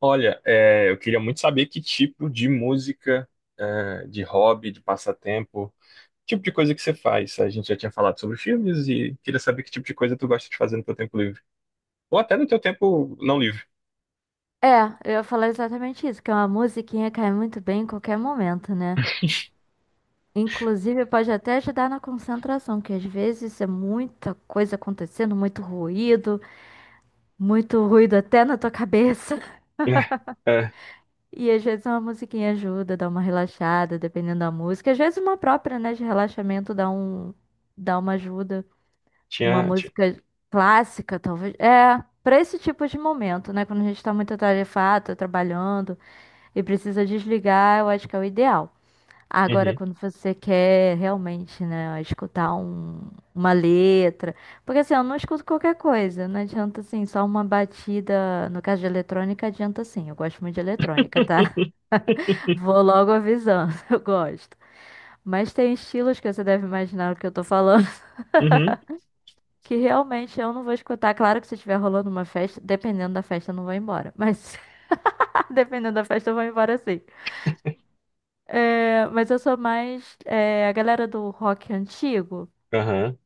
Olha, eu queria muito saber que tipo de música, de hobby, de passatempo, tipo de coisa que você faz. A gente já tinha falado sobre filmes e queria saber que tipo de coisa tu gosta de fazer no teu tempo livre. Ou até no teu tempo não livre. É, eu ia falar exatamente isso, que é uma musiquinha cai muito bem em qualquer momento, né? Inclusive, pode até ajudar na concentração, que às vezes é muita coisa acontecendo, muito ruído até na tua cabeça. É, é, E às vezes uma musiquinha ajuda, dá uma relaxada, dependendo da música. Às vezes uma própria, né, de relaxamento dá um, dá uma ajuda. Uma tinha, tinha. música clássica, talvez. É, pra esse tipo de momento, né? Quando a gente tá muito atarefado, tá trabalhando e precisa desligar, eu acho que é o ideal. Agora, Uhum, quando você quer realmente, né, escutar uma letra. Porque assim, eu não escuto qualquer coisa. Não adianta assim, só uma batida. No caso de eletrônica, adianta sim. Eu gosto muito de eletrônica, tá? Vou logo avisando, eu gosto. Mas tem estilos que você deve imaginar o que eu tô falando, uhum, que realmente eu não vou escutar. Claro que se estiver rolando uma festa, dependendo da festa, eu não vou embora. Mas dependendo da festa, eu vou embora sim. É, mas eu sou mais é, a galera do rock antigo. aham,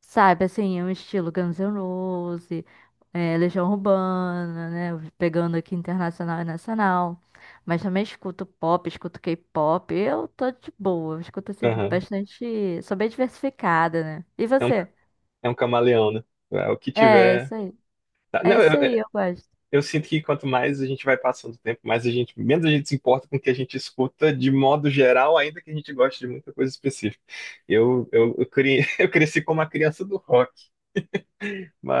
Sabe, assim, é um estilo Guns N' Roses, é, Legião Urbana, né? Pegando aqui internacional e nacional. Mas também escuto pop, escuto K-pop. Eu tô de boa, eu escuto assim aham. bastante. Sou bem diversificada, né? E É um, você? é um camaleão, né? É o que É, é tiver. isso aí. É Não, isso aí, eu gosto. eu sinto que quanto mais a gente vai passando o tempo, mais a gente, menos a gente se importa com o que a gente escuta de modo geral, ainda que a gente goste de muita coisa específica. Eu cresci como uma criança do rock,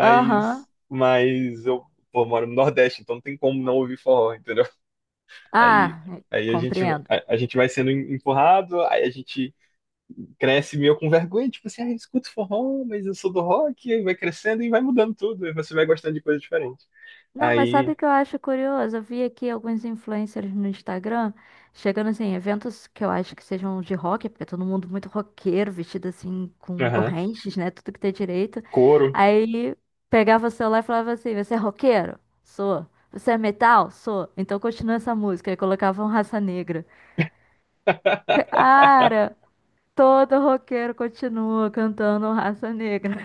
Aham. mas eu, pô, moro no Nordeste, então não tem como não ouvir forró, entendeu? Aí, Ah, aí a gente, compreendo. A gente vai sendo empurrado, aí a gente cresce meio com vergonha, tipo assim, ah, eu escuto forró, mas eu sou do rock, aí vai crescendo e vai mudando tudo, aí você vai gostando de coisas diferentes. Não, mas sabe Aí, o que eu acho curioso? Eu vi aqui alguns influencers no Instagram chegando assim, em eventos que eu acho que sejam de rock, porque é todo mundo muito roqueiro, vestido assim, com aham, correntes, né? Tudo que tem direito. coro. Aí pegava o celular e falava assim: Você é roqueiro? Sou. Você é metal? Sou. Então continua essa música. Aí colocavam Raça Negra. Cara, todo roqueiro continua cantando Raça Negra.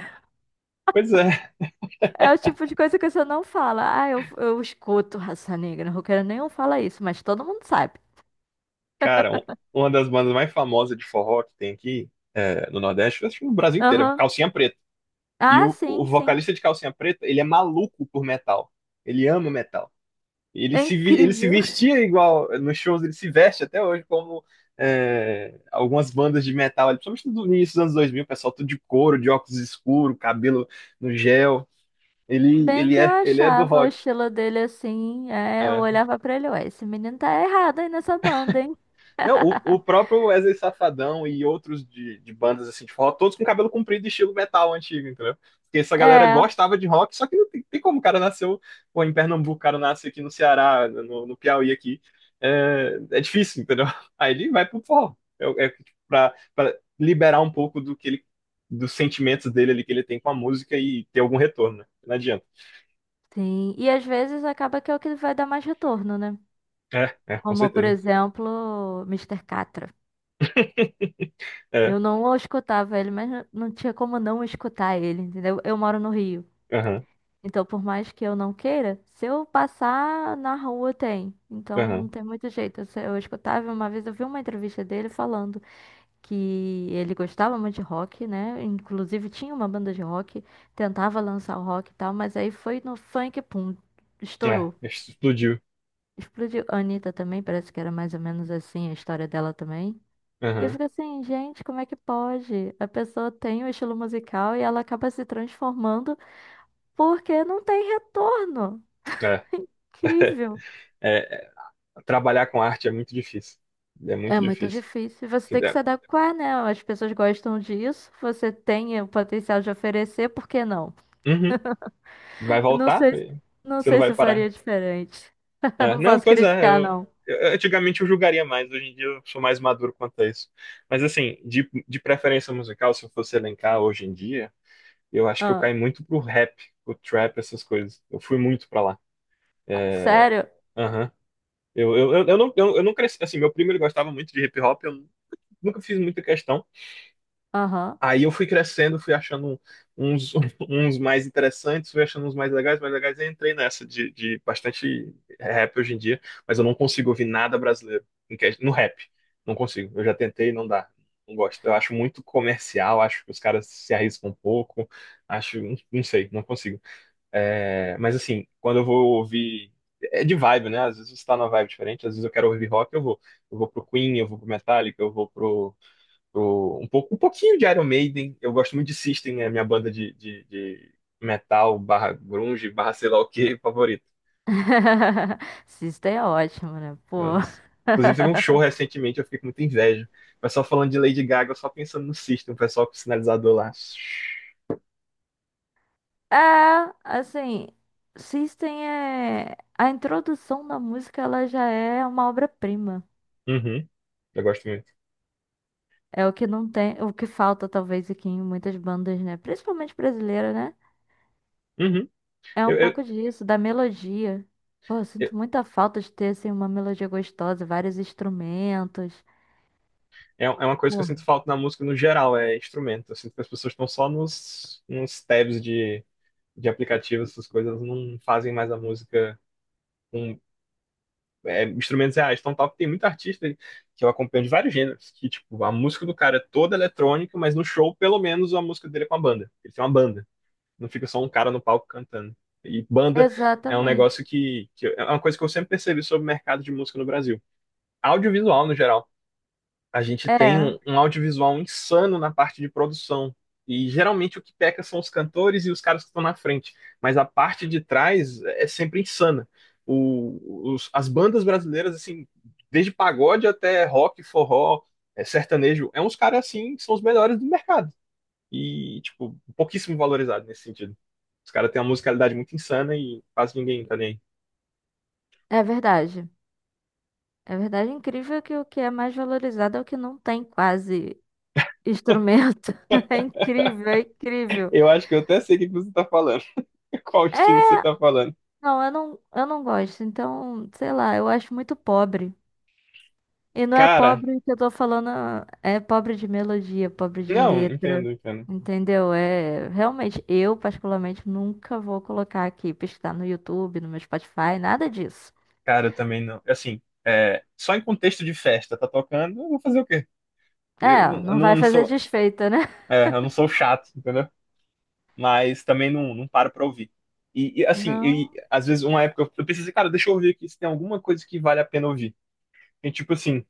Pois é, É o tipo de coisa que você não fala. Ah, eu escuto raça negra. Roqueiro nenhum fala isso, mas todo mundo sabe. cara, um- uma das bandas mais famosas de forró que tem aqui é, no Nordeste, eu acho que no Brasil inteiro, é Aham. Calcinha Preta. E Ah, o sim, sim. vocalista de Calcinha Preta, ele é maluco por metal. Ele ama metal. E É ele se incrível. vestia igual, nos shows ele se veste até hoje como é, algumas bandas de metal, ali, principalmente no início dos anos 2000, o pessoal tudo de couro, de óculos escuros, cabelo no gel. Bem que eu Ele é do achava o rock. estilo dele assim. É, eu É. olhava pra ele, ué, esse menino tá errado aí nessa banda, hein? Não, o próprio Wesley Safadão e outros de bandas assim de forró, todos com cabelo comprido e estilo metal antigo, entendeu? Porque essa galera É, gostava de rock, só que não tem, tem como o cara nasceu pô, em Pernambuco, o cara nasce aqui no Ceará, no Piauí aqui. É difícil, entendeu? Aí ele vai pro forró. Pra liberar um pouco do que dos sentimentos dele ali que ele tem com a música e ter algum retorno, né? Não adianta. sim. E às vezes acaba que é o que vai dar mais retorno, né? Com Como, por certeza. exemplo, Mister Catra. É, Eu não o escutava ele, mas não tinha como não escutar ele, entendeu? Eu moro no Rio. aham, Então, por mais que eu não queira, se eu passar na rua, tem. Então, não aham. tem muito jeito. Eu, eu escutava, uma vez eu vi uma entrevista dele falando que ele gostava muito de rock, né? Inclusive, tinha uma banda de rock, tentava lançar o rock e tal, mas aí foi no funk, pum, É, estourou. explodiu. Explodiu. A Anitta também, parece que era mais ou menos assim a história dela também. E eu Aham, fico assim, gente, como é que pode? A pessoa tem o estilo musical e ela acaba se transformando porque não tem retorno. é. Incrível. É, Trabalhar com arte é muito difícil. É muito É muito difícil. difícil. Você Você tem que se der- adequar, né? As pessoas gostam disso. Você tem o potencial de oferecer, por que não? Uhum. Vai Não voltar? sei, não Você não sei se vai eu parar. faria diferente. É, Não não, posso pois é. criticar, não. Antigamente eu julgaria mais. Hoje em dia eu sou mais maduro quanto a isso. Mas assim, de preferência musical, se eu fosse elencar hoje em dia, eu acho que eu Ah, caí muito pro rap, pro trap, essas coisas. Eu fui muito pra lá. É, sério? aham. Eu não cresci. Assim, meu primo ele gostava muito de hip hop. Eu nunca fiz muita questão. Aham. Aí eu fui crescendo, fui achando uns, uns mais interessantes, fui achando uns mais legais, e entrei nessa de bastante rap hoje em dia, mas eu não consigo ouvir nada brasileiro no rap. Não consigo. Eu já tentei, não dá. Não gosto. Eu acho muito comercial, acho que os caras se arriscam um pouco, acho, não sei, não consigo. É, mas assim, quando eu vou ouvir. É de vibe, né? Às vezes você tá numa vibe diferente, às vezes eu quero ouvir rock, eu vou. Eu vou pro Queen, eu vou pro Metallica, eu vou pro um pouco, um pouquinho de Iron Maiden. Eu gosto muito de System, é a minha banda de metal, barra grunge, barra sei lá o que, favorito. System é ótimo, né? Pô. Eu- inclusive, teve um show recentemente, eu fiquei com muita inveja. O pessoal falando de Lady Gaga, eu só pensando no System, o pessoal com o sinalizador lá. É, assim, System é. A introdução da música, ela já é uma obra-prima. Uhum, eu gosto muito. É o que não tem, o que falta talvez aqui em muitas bandas, né? Principalmente brasileira, né? Uhum. É um Eu, eu- pouco disso, da melodia. Pô, eu eu- sinto muita falta de ter assim uma melodia gostosa, vários instrumentos. é é uma coisa que eu Pô, sinto falta na música no geral, é instrumento. Eu sinto que as pessoas estão só nos, nos tabs de aplicativos, essas coisas, não fazem mais a música. Com é, instrumentos reais. Então, top, tem muito artista que eu acompanho de vários gêneros, que, tipo, a música do cara é toda eletrônica, mas no show, pelo menos, a música dele é com a banda. Ele tem uma banda, não fica só um cara no palco cantando. E banda é um exatamente. negócio que é uma coisa que eu sempre percebi sobre o mercado de música no Brasil. Audiovisual, no geral, a gente tem É, um, um audiovisual insano na parte de produção. E geralmente o que peca são os cantores e os caras que estão na frente. Mas a parte de trás é sempre insana. As bandas brasileiras, assim, desde pagode até rock, forró, é, sertanejo, é uns caras assim que são os melhores do mercado. E, tipo, pouquíssimo valorizado nesse sentido. Os caras têm uma musicalidade muito insana e quase ninguém tá nem aí. é verdade. É verdade, é incrível que o que é mais valorizado é o que não tem quase instrumento. É incrível, é incrível. Eu acho que eu até sei o que que você tá falando. Qual É, estilo você tá falando. Não, eu não gosto. Então, sei lá, eu acho muito pobre. E não é Cara, pobre que eu tô falando, é pobre de melodia, pobre de não, letra, entendo, entendo. entendeu? É, realmente, eu particularmente nunca vou colocar aqui, pesquisar no YouTube, no meu Spotify, nada disso. Cara, eu também não. Assim, é, só em contexto de festa, tá tocando, eu vou fazer o quê? Eu É, não, eu não vai não fazer sou, desfeita, né? Eu não sou chato, entendeu? Mas também não, não paro pra ouvir. Assim, e, Não. às vezes uma época eu pensei cara, deixa eu ouvir aqui se tem alguma coisa que vale a pena ouvir. Tem tipo assim,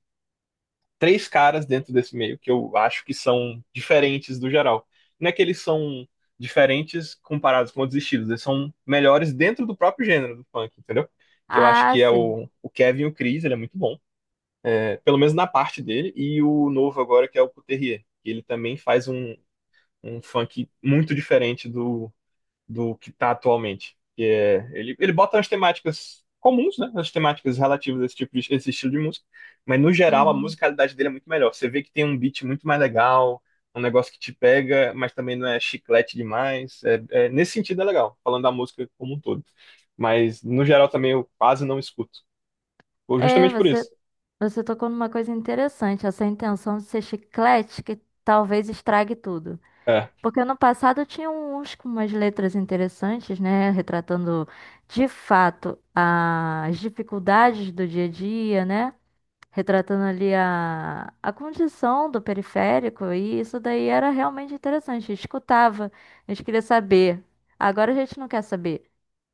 três caras dentro desse meio que eu acho que são diferentes do geral. Não é que eles são diferentes comparados com outros estilos, eles são melhores dentro do próprio gênero do funk, entendeu? Que eu acho Ah, que é sim. O Kevin e o Chris, ele é muito bom. Pelo menos na parte dele, e o novo agora que é o Couturier, que ele também faz um, um funk muito diferente do que tá atualmente. Que é, ele bota as temáticas comuns, né, as temáticas relativas a esse tipo de, esse estilo de música, mas no geral a Uhum. musicalidade dele é muito melhor. Você vê que tem um beat muito mais legal, um negócio que te pega, mas também não é chiclete demais. Nesse sentido é legal, falando da música como um todo. Mas no geral também eu quase não escuto. Ou É, justamente por você, isso. você tocou numa coisa interessante, essa intenção de ser chiclete que talvez estrague tudo. É. Porque no passado tinha uns com umas letras interessantes, né? Retratando de fato as dificuldades do dia a dia, né? Retratando ali a condição do periférico, e isso daí era realmente interessante. A gente escutava, a gente queria saber. Agora a gente não quer saber.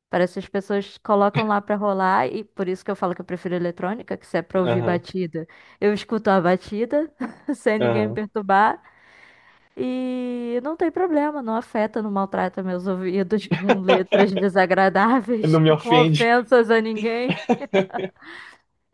Parece que as pessoas colocam lá pra rolar, e por isso que eu falo que eu prefiro eletrônica, que se é pra ouvir Aham, batida, eu escuto a batida, sem ninguém me aham. perturbar. E não tem problema, não afeta, não maltrata meus ouvidos com letras desagradáveis, Não me com ofende. ofensas a ninguém,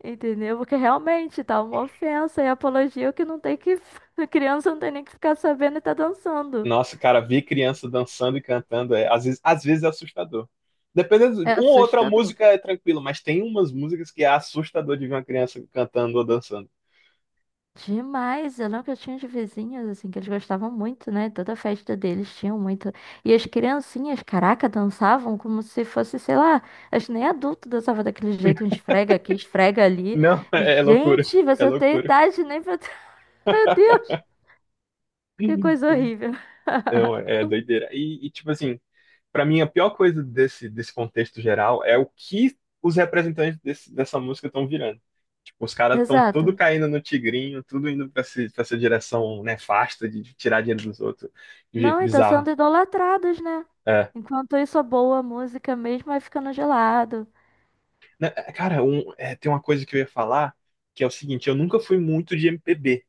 entendeu? Porque realmente tá uma ofensa e apologia que não tem que. A criança não tem nem que ficar sabendo e tá dançando. Nossa, cara, ver criança dançando e cantando é, às vezes é assustador. Dependendo, É uma ou outra assustador. música é tranquilo, mas tem umas músicas que é assustador de ver uma criança cantando ou dançando. Demais, eu lembro que eu tinha de vizinhos, assim, que eles gostavam muito, né? Toda festa deles tinham muito. E as criancinhas, caraca, dançavam como se fosse, sei lá, acho que nem adulto dançava daquele jeito, um esfrega aqui, esfrega ali. Não, é loucura. Gente, É você tem loucura. idade nem pra. Meu Deus, que coisa horrível. Não, é doideira. Tipo assim, pra mim a pior coisa desse, desse contexto geral é o que os representantes desse- dessa música estão virando. Os caras estão tudo Exato. caindo no tigrinho, tudo indo para essa direção nefasta de tirar dinheiro dos outros de um Não, jeito e tá bizarro. sendo idolatrados, né? É. Enquanto isso, a boa música mesmo vai ficando gelado. Né, é, cara, um- é, tem uma coisa que eu ia falar, que é o seguinte, eu nunca fui muito de MPB.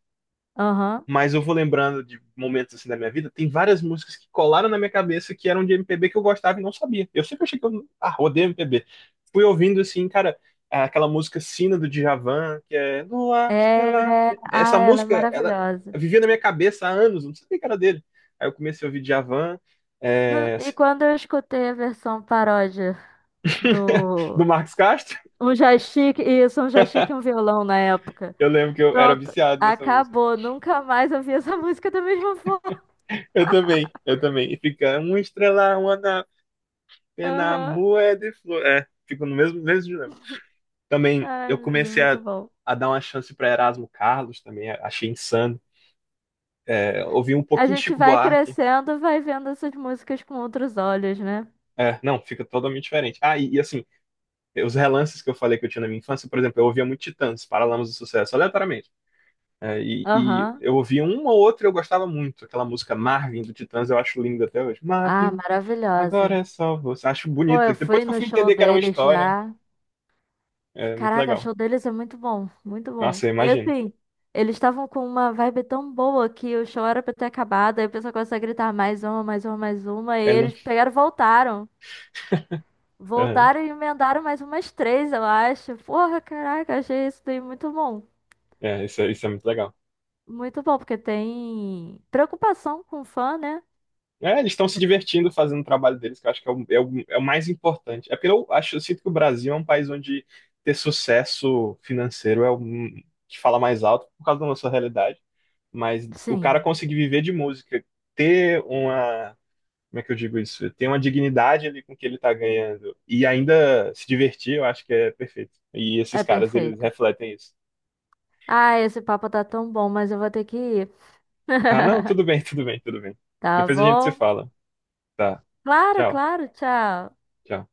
Aham. Mas eu vou lembrando de momentos assim da minha vida, tem várias músicas que colaram na minha cabeça que eram de MPB que eu gostava e não sabia. Eu sempre achei que eu, ah, odeio MPB. Fui ouvindo assim, cara, aquela música Sina do Djavan, que é Lua, É, Estrela. Essa ah, ela é música, ela maravilhosa. vivia na minha cabeça há anos, eu não sabia que era dele. Aí eu comecei a ouvir Djavan, Não, é, E quando eu escutei a versão paródia do do Marcos Castro. um joystick, isso, um joystick e um violão na época. Eu lembro que eu era Pronto, viciado nessa música. acabou. Nunca mais ouvi essa música da mesma forma. Eu também, eu também. E fica uma estrela, uma na pena, Aham. moeda de flor. É, fica no mesmo, mesmo dilema. Também eu Ai, meu Deus, comecei muito bom. a dar uma chance para Erasmo Carlos também, achei insano. É, ouvi um A pouquinho de gente Chico vai Buarque. crescendo, vai vendo essas músicas com outros olhos, né? É, não, fica totalmente diferente. Ah, e assim, os relances que eu falei que eu tinha na minha infância, por exemplo, eu ouvia muito Titãs, Paralamas do Sucesso, aleatoriamente. É, e Aham. eu ouvia uma ou outra e eu gostava muito. Aquela música Marvin do Titãs, eu acho linda até hoje. Ah, Marvin, agora maravilhosa. é só você. Acho Pô, bonita. eu Depois fui que eu no fui show entender que era uma deles história, já. é muito Caraca, o legal. show deles é muito bom, muito bom. Nossa, eu E imagino. assim, eles estavam com uma vibe tão boa que o show era pra ter acabado, aí o pessoal começou a gritar mais uma, mais uma, mais uma, e Ele não. eles pegaram e voltaram. Aham. Voltaram e emendaram mais umas três, eu acho. Porra, caraca, achei isso daí muito bom. É, isso, é- isso é muito legal. Muito bom, porque tem preocupação com o fã, né? É, eles estão se divertindo fazendo o trabalho deles, que eu acho que é é o mais importante. É porque eu acho, eu sinto que o Brasil é um país onde ter sucesso financeiro é o que fala mais alto por causa da nossa realidade. Mas o cara Sim, conseguir viver de música, ter uma, como é que eu digo isso? Ter uma dignidade ali com o que ele tá ganhando e ainda se divertir, eu acho que é perfeito. E esses é caras, eles perfeito. refletem isso. Ah, esse papo tá tão bom, mas eu vou ter que ir. Ah, não, tudo bem, tudo bem, tudo bem. Tá Depois a gente se bom? fala. Tá, Claro, tchau, claro, tchau. tchau.